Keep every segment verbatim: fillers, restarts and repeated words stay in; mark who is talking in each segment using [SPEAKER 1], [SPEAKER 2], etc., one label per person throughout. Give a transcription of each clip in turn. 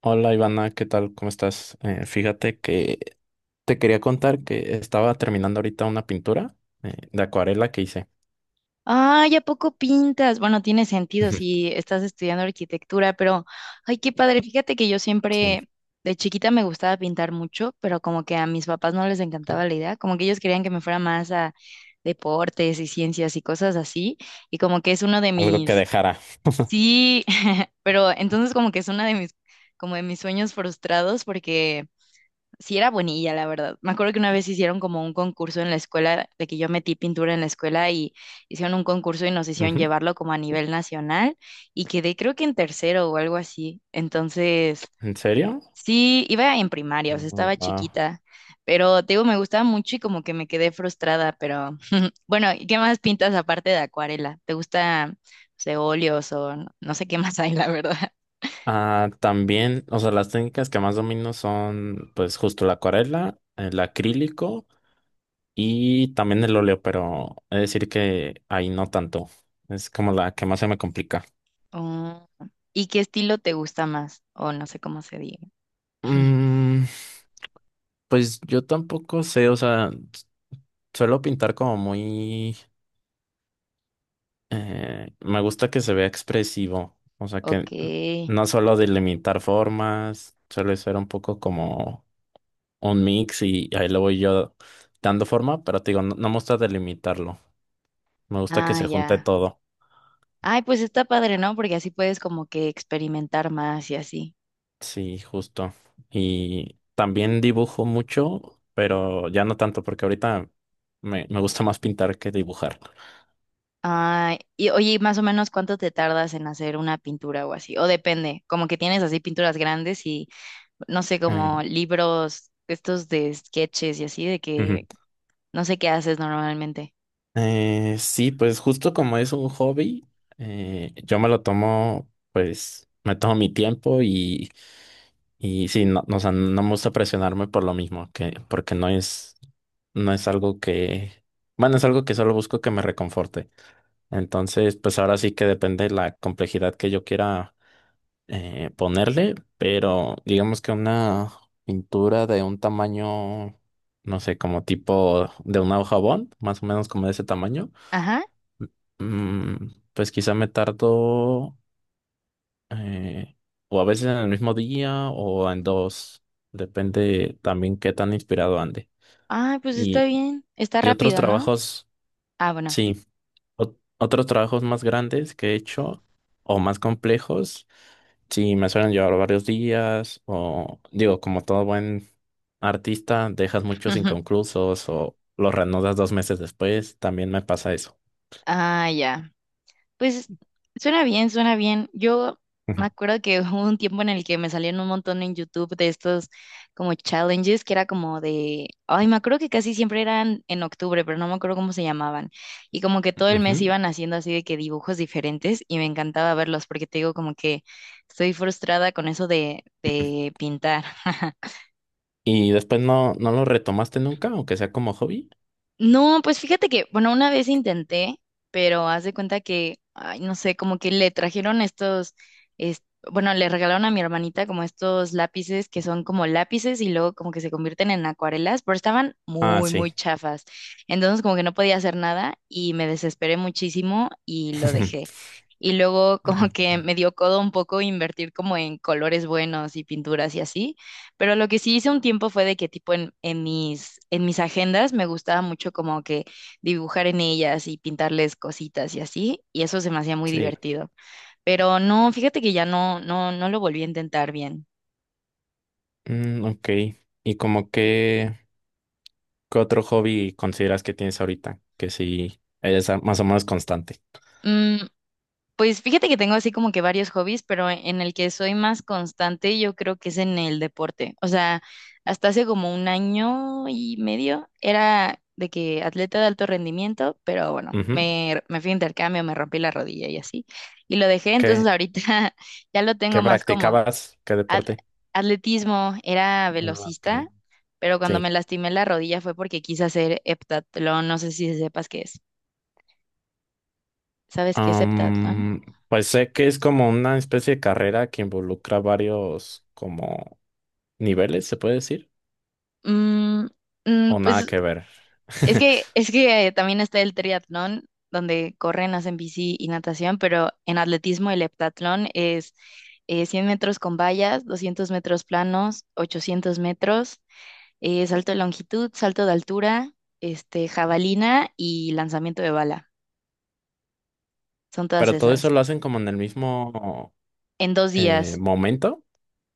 [SPEAKER 1] Hola Ivana, ¿qué tal? ¿Cómo estás? Eh, fíjate que te quería contar que estaba terminando ahorita una pintura eh, de acuarela que hice.
[SPEAKER 2] Ay, ¿a poco pintas? Bueno, tiene sentido si estás estudiando arquitectura, pero ay, qué padre. Fíjate que yo
[SPEAKER 1] Sí,
[SPEAKER 2] siempre de chiquita me gustaba pintar mucho, pero como que a mis papás no les
[SPEAKER 1] sí,
[SPEAKER 2] encantaba la idea, como que ellos querían que me fuera más a deportes y ciencias y cosas así, y como que es uno de
[SPEAKER 1] algo que
[SPEAKER 2] mis
[SPEAKER 1] dejara.
[SPEAKER 2] sí, pero entonces como que es uno de mis como de mis sueños frustrados porque sí era buenilla, la verdad. Me acuerdo que una vez hicieron como un concurso en la escuela, de que yo metí pintura en la escuela y hicieron un concurso y nos hicieron
[SPEAKER 1] Ujú.
[SPEAKER 2] llevarlo como a nivel nacional y quedé creo que en tercero o algo así. Entonces,
[SPEAKER 1] ¿En serio?
[SPEAKER 2] sí, iba en primaria, o sea,
[SPEAKER 1] Mm,
[SPEAKER 2] estaba
[SPEAKER 1] wow.
[SPEAKER 2] chiquita, pero te digo, me gustaba mucho y como que me quedé frustrada, pero bueno, ¿y qué más pintas aparte de acuarela? ¿Te gusta, no sé, óleos o no, no sé qué más hay, la verdad?
[SPEAKER 1] Ah, también, o sea, las técnicas que más domino son, pues, justo la acuarela, el acrílico y también el óleo, pero es decir que ahí no tanto. Es como la que más se me complica.
[SPEAKER 2] Oh, ¿y qué estilo te gusta más? O no sé cómo se diga.
[SPEAKER 1] Mm, pues yo tampoco sé, o sea. Suelo pintar como muy... eh, me gusta que se vea expresivo, o sea que
[SPEAKER 2] Ok,
[SPEAKER 1] no solo delimitar formas, suele ser un poco como un mix y ahí lo voy yo dando forma, pero te digo, no, no me gusta delimitarlo, me gusta que
[SPEAKER 2] ah,
[SPEAKER 1] se junte
[SPEAKER 2] ya.
[SPEAKER 1] todo,
[SPEAKER 2] Ay, pues está padre, ¿no? Porque así puedes como que experimentar más y así.
[SPEAKER 1] sí, justo. Y también dibujo mucho, pero ya no tanto porque ahorita me, me gusta más pintar que dibujar.
[SPEAKER 2] Ay, y oye, más o menos cuánto te tardas en hacer una pintura o así, o depende, como que tienes así pinturas grandes y no sé,
[SPEAKER 1] Eh,
[SPEAKER 2] como libros estos de sketches y así, de que
[SPEAKER 1] ujú.
[SPEAKER 2] no sé qué haces normalmente.
[SPEAKER 1] Eh, sí, pues justo como es un hobby, eh, yo me lo tomo, pues me tomo mi tiempo y, y sí, no, no, o sea, no me gusta presionarme por lo mismo, que, porque no es, no es algo que, bueno, es algo que solo busco que me reconforte. Entonces, pues ahora sí que depende de la complejidad que yo quiera eh, ponerle, pero digamos que una pintura de un tamaño, no sé, como tipo de una hoja bond, más o menos como de ese tamaño.
[SPEAKER 2] Ajá.
[SPEAKER 1] Mm, pues quizá me tardo eh, o a veces en el mismo día o en dos, depende también qué tan inspirado ande.
[SPEAKER 2] Ay, pues está
[SPEAKER 1] Y,
[SPEAKER 2] bien, está
[SPEAKER 1] y otros
[SPEAKER 2] rápido, ¿no?
[SPEAKER 1] trabajos,
[SPEAKER 2] Ah, bueno.
[SPEAKER 1] sí, ot- otros trabajos más grandes que he hecho o más complejos, sí, me suelen llevar varios días o digo, como todo buen artista, dejas muchos inconclusos o los reanudas dos meses después, también me pasa eso.
[SPEAKER 2] Ah, ya. Pues suena bien, suena bien. Yo me acuerdo que hubo un tiempo en el que me salían un montón en YouTube de estos como challenges que era como de, ay, me acuerdo que casi siempre eran en octubre, pero no me acuerdo cómo se llamaban. Y como que todo el mes
[SPEAKER 1] Ujú,
[SPEAKER 2] iban haciendo así de que dibujos diferentes y me encantaba verlos porque te digo como que estoy frustrada con eso de,
[SPEAKER 1] ujú.
[SPEAKER 2] de pintar.
[SPEAKER 1] ¿Y después no, no lo retomaste nunca, aunque sea como hobby?
[SPEAKER 2] No, pues fíjate que, bueno, una vez intenté, pero haz de cuenta que, ay, no sé, como que le trajeron estos, es- bueno, le regalaron a mi hermanita como estos lápices que son como lápices y luego como que se convierten en acuarelas, pero estaban
[SPEAKER 1] Ah,
[SPEAKER 2] muy, muy
[SPEAKER 1] sí.
[SPEAKER 2] chafas. Entonces como que no podía hacer nada y me desesperé muchísimo y lo dejé. Y luego como
[SPEAKER 1] Ok,
[SPEAKER 2] que me dio codo un poco invertir como en colores buenos y pinturas y así. Pero lo que sí hice un tiempo fue de que tipo en, en mis, en mis agendas me gustaba mucho como que dibujar en ellas y pintarles cositas y así, y eso se me hacía muy
[SPEAKER 1] sí.
[SPEAKER 2] divertido. Pero no, fíjate que ya no, no, no lo volví a intentar bien.
[SPEAKER 1] Mm, ok. ¿Y como qué, qué otro hobby consideras que tienes ahorita? Que sí, eres a- más o menos constante.
[SPEAKER 2] Mm, Pues fíjate que tengo así como que varios hobbies, pero en el que soy más constante yo creo que es en el deporte. O sea, hasta hace como un año y medio era de que atleta de alto rendimiento, pero bueno,
[SPEAKER 1] Ujú.
[SPEAKER 2] me, me fui a intercambio, me rompí la rodilla y así. Y lo dejé, entonces
[SPEAKER 1] ¿Qué,
[SPEAKER 2] ahorita ya lo tengo
[SPEAKER 1] qué
[SPEAKER 2] más como
[SPEAKER 1] practicabas? ¿Qué
[SPEAKER 2] at-
[SPEAKER 1] deporte?
[SPEAKER 2] atletismo, era
[SPEAKER 1] Ah, ok.
[SPEAKER 2] velocista, pero cuando
[SPEAKER 1] Sí.
[SPEAKER 2] me lastimé la rodilla fue porque quise hacer heptatlón, no sé si sepas qué es. ¿Sabes qué es heptatlón?
[SPEAKER 1] Am, pues sé que es como una especie de carrera que involucra varios como niveles, ¿se puede decir?
[SPEAKER 2] Mm, mm,
[SPEAKER 1] O nada
[SPEAKER 2] pues
[SPEAKER 1] que ver.
[SPEAKER 2] Es que, es que eh, también está el triatlón, donde corren, hacen bici y natación, pero en atletismo el heptatlón es eh, cien metros con vallas, doscientos metros planos, ochocientos metros, eh, salto de longitud, salto de altura, este, jabalina y lanzamiento de bala. Son todas
[SPEAKER 1] Pero todo eso
[SPEAKER 2] esas.
[SPEAKER 1] lo hacen como en el mismo.
[SPEAKER 2] En dos
[SPEAKER 1] Eh,
[SPEAKER 2] días.
[SPEAKER 1] ¿momento?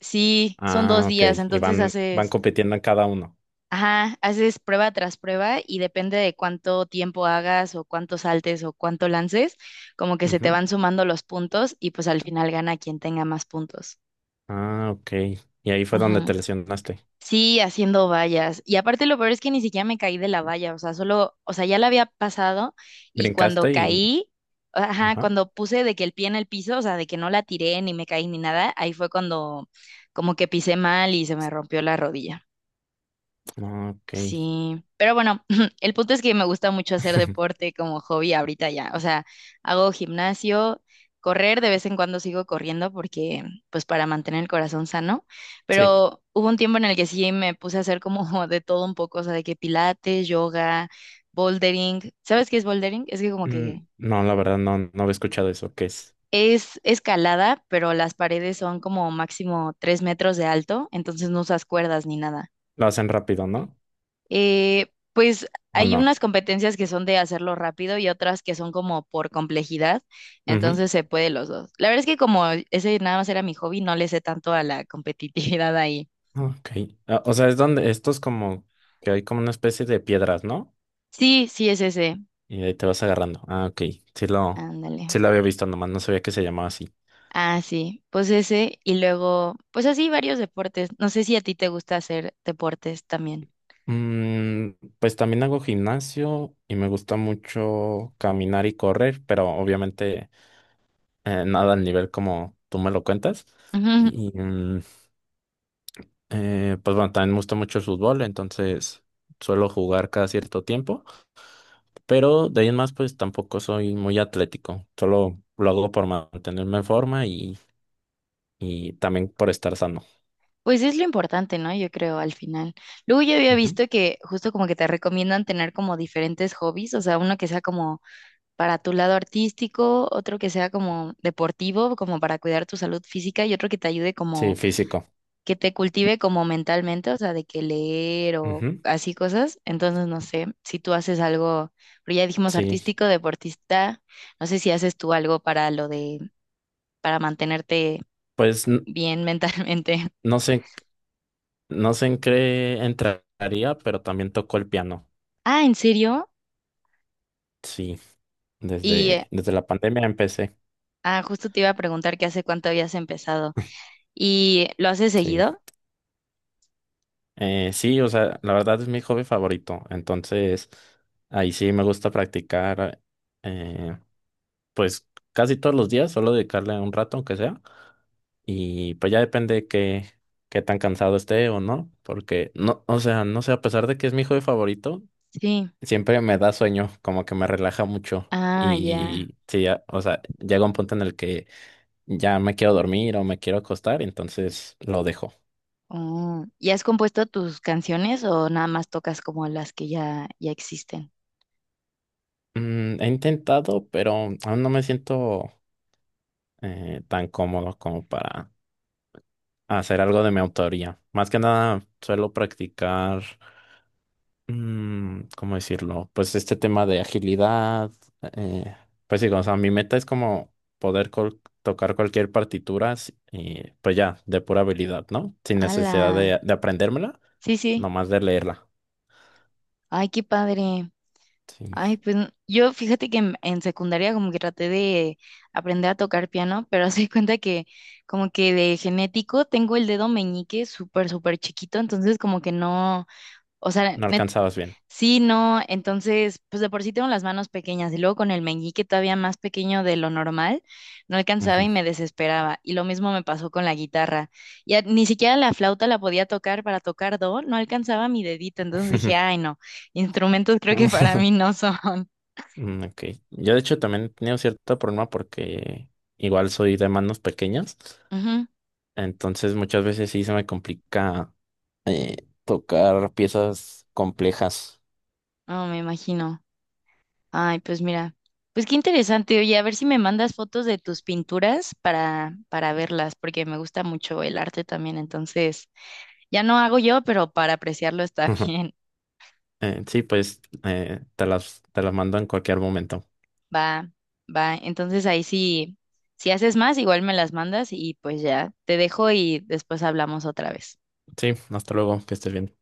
[SPEAKER 2] Sí, son dos
[SPEAKER 1] Ah, ok.
[SPEAKER 2] días,
[SPEAKER 1] Y
[SPEAKER 2] entonces
[SPEAKER 1] van, van
[SPEAKER 2] haces
[SPEAKER 1] compitiendo en cada uno.
[SPEAKER 2] ajá, haces prueba tras prueba y depende de cuánto tiempo hagas o cuánto saltes o cuánto lances, como que se te
[SPEAKER 1] Ujú.
[SPEAKER 2] van sumando los puntos y pues al final gana quien tenga más puntos.
[SPEAKER 1] Ah, ok. Y ahí fue donde
[SPEAKER 2] Ajá.
[SPEAKER 1] te lesionaste.
[SPEAKER 2] Sí, haciendo vallas. Y aparte lo peor es que ni siquiera me caí de la valla, o sea, solo, o sea, ya la había pasado y cuando
[SPEAKER 1] Brincaste y...
[SPEAKER 2] caí, ajá,
[SPEAKER 1] Ajá.
[SPEAKER 2] cuando puse de que el pie en el piso, o sea, de que no la tiré ni me caí ni nada, ahí fue cuando como que pisé mal y se me rompió la rodilla.
[SPEAKER 1] Ah, ok.
[SPEAKER 2] Sí, pero bueno, el punto es que me gusta mucho hacer deporte como hobby ahorita ya. O sea, hago gimnasio, correr, de vez en cuando sigo corriendo porque, pues para mantener el corazón sano.
[SPEAKER 1] Sí.
[SPEAKER 2] Pero hubo un tiempo en el que sí me puse a hacer como de todo un poco, o sea, de que pilates, yoga, bouldering. ¿Sabes qué es bouldering? Es que como que
[SPEAKER 1] Mm, no, la verdad no, no había escuchado eso. ¿Qué es?
[SPEAKER 2] es escalada, pero las paredes son como máximo tres metros de alto, entonces no usas cuerdas ni nada.
[SPEAKER 1] Lo hacen rápido, ¿no?
[SPEAKER 2] Eh, pues
[SPEAKER 1] ¿O
[SPEAKER 2] hay
[SPEAKER 1] no?
[SPEAKER 2] unas competencias que son de hacerlo rápido y otras que son como por complejidad,
[SPEAKER 1] Ujú.
[SPEAKER 2] entonces se puede los dos. La verdad es que como ese nada más era mi hobby, no le sé tanto a la competitividad ahí.
[SPEAKER 1] Ah, ok. Ah, o sea, es donde esto es como que hay como una especie de piedras, ¿no?
[SPEAKER 2] Sí, sí es ese.
[SPEAKER 1] Y de ahí te vas agarrando. Ah, ok. Sí lo,
[SPEAKER 2] Ándale.
[SPEAKER 1] sí lo había visto, nomás no sabía que se llamaba así.
[SPEAKER 2] Ah, sí, pues ese y luego, pues así varios deportes. No sé si a ti te gusta hacer deportes también.
[SPEAKER 1] Mm, pues también hago gimnasio y me gusta mucho caminar y correr, pero obviamente eh, nada al nivel como tú me lo cuentas.
[SPEAKER 2] Ujú.
[SPEAKER 1] Y mm, eh, pues bueno, también me gusta mucho el fútbol, entonces suelo jugar cada cierto tiempo, pero de ahí en más pues tampoco soy muy atlético, solo lo hago por mantenerme en forma y, y también por estar sano.
[SPEAKER 2] Pues es lo importante, ¿no? Yo creo al final. Luego yo había
[SPEAKER 1] Ujú.
[SPEAKER 2] visto que justo como que te recomiendan tener como diferentes hobbies, o sea, uno que sea como para tu lado artístico, otro que sea como deportivo, como para cuidar tu salud física y otro que te ayude
[SPEAKER 1] Sí,
[SPEAKER 2] como,
[SPEAKER 1] físico.
[SPEAKER 2] que te cultive como mentalmente, o sea, de que leer o
[SPEAKER 1] Ujú.
[SPEAKER 2] así cosas. Entonces, no sé, si tú haces algo, pero ya dijimos
[SPEAKER 1] Sí,
[SPEAKER 2] artístico, deportista, no sé si haces tú algo para lo de, para mantenerte
[SPEAKER 1] pues n-
[SPEAKER 2] bien mentalmente.
[SPEAKER 1] no sé. No sé en qué entraría, pero también tocó el piano.
[SPEAKER 2] Ah, ¿en serio?
[SPEAKER 1] Sí,
[SPEAKER 2] Y, eh,
[SPEAKER 1] desde, desde la pandemia empecé.
[SPEAKER 2] ah, justo te iba a preguntar que hace cuánto habías empezado. ¿Y lo haces
[SPEAKER 1] Sí.
[SPEAKER 2] seguido?
[SPEAKER 1] Eh, sí, o sea, la verdad es mi hobby favorito. Entonces, ahí sí me gusta practicar, eh, pues casi todos los días, solo dedicarle un rato, aunque sea. Y pues ya depende qué, qué tan cansado esté o no, porque no, o sea, no sé, a pesar de que es mi hobby favorito,
[SPEAKER 2] Sí.
[SPEAKER 1] siempre me da sueño, como que me relaja mucho.
[SPEAKER 2] Ah, ya.
[SPEAKER 1] Y sí, ya, o sea, llega un punto en el que ya me quiero dormir o me quiero acostar, entonces lo dejo.
[SPEAKER 2] Oh, ¿y has compuesto tus canciones o nada más tocas como las que ya, ya existen?
[SPEAKER 1] Mm, he intentado, pero aún no me siento eh, tan cómodo como para hacer algo de mi autoría. Más que nada, suelo practicar, mm, ¿cómo decirlo? Pues este tema de agilidad. eh, pues sí, o sea, mi meta es como poder col- tocar cualquier partitura, s- y pues ya, de pura habilidad, ¿no? Sin necesidad
[SPEAKER 2] ¡Hala!
[SPEAKER 1] de, de aprendérmela,
[SPEAKER 2] Sí, sí.
[SPEAKER 1] nomás de leerla.
[SPEAKER 2] Ay, qué padre.
[SPEAKER 1] Sí.
[SPEAKER 2] Ay, pues n- yo fíjate que en, en secundaria como que traté de aprender a tocar piano, pero se cuenta que como que de genético tengo el dedo meñique súper, súper chiquito, entonces como que no, o sea,
[SPEAKER 1] No
[SPEAKER 2] net-
[SPEAKER 1] alcanzabas bien.
[SPEAKER 2] sí, no, entonces, pues de por sí tengo las manos pequeñas y luego con el meñique todavía más pequeño de lo normal, no alcanzaba y
[SPEAKER 1] Ujú.
[SPEAKER 2] me desesperaba. Y lo mismo me pasó con la guitarra. Ya ni siquiera la flauta la podía tocar para tocar do, no alcanzaba mi dedito. Entonces dije, ay, no, instrumentos creo que para mí no son.
[SPEAKER 1] Mm, ok. Yo de hecho también he tenido cierto problema porque igual soy de manos pequeñas,
[SPEAKER 2] Ujú,
[SPEAKER 1] entonces muchas veces sí se me complica eh, tocar piezas complejas.
[SPEAKER 2] no, me imagino. Ay, pues mira, pues qué interesante. Oye, a ver si me mandas fotos de tus pinturas para, para verlas, porque me gusta mucho el arte también, entonces. Ya no hago yo, pero para apreciarlo está
[SPEAKER 1] Ujú.
[SPEAKER 2] bien.
[SPEAKER 1] Eh, sí, pues eh, te las, te las mando en cualquier momento.
[SPEAKER 2] Va, va. Entonces ahí sí, si haces más, igual me las mandas y pues ya te dejo y después hablamos otra vez.
[SPEAKER 1] Sí, hasta luego, que estés bien.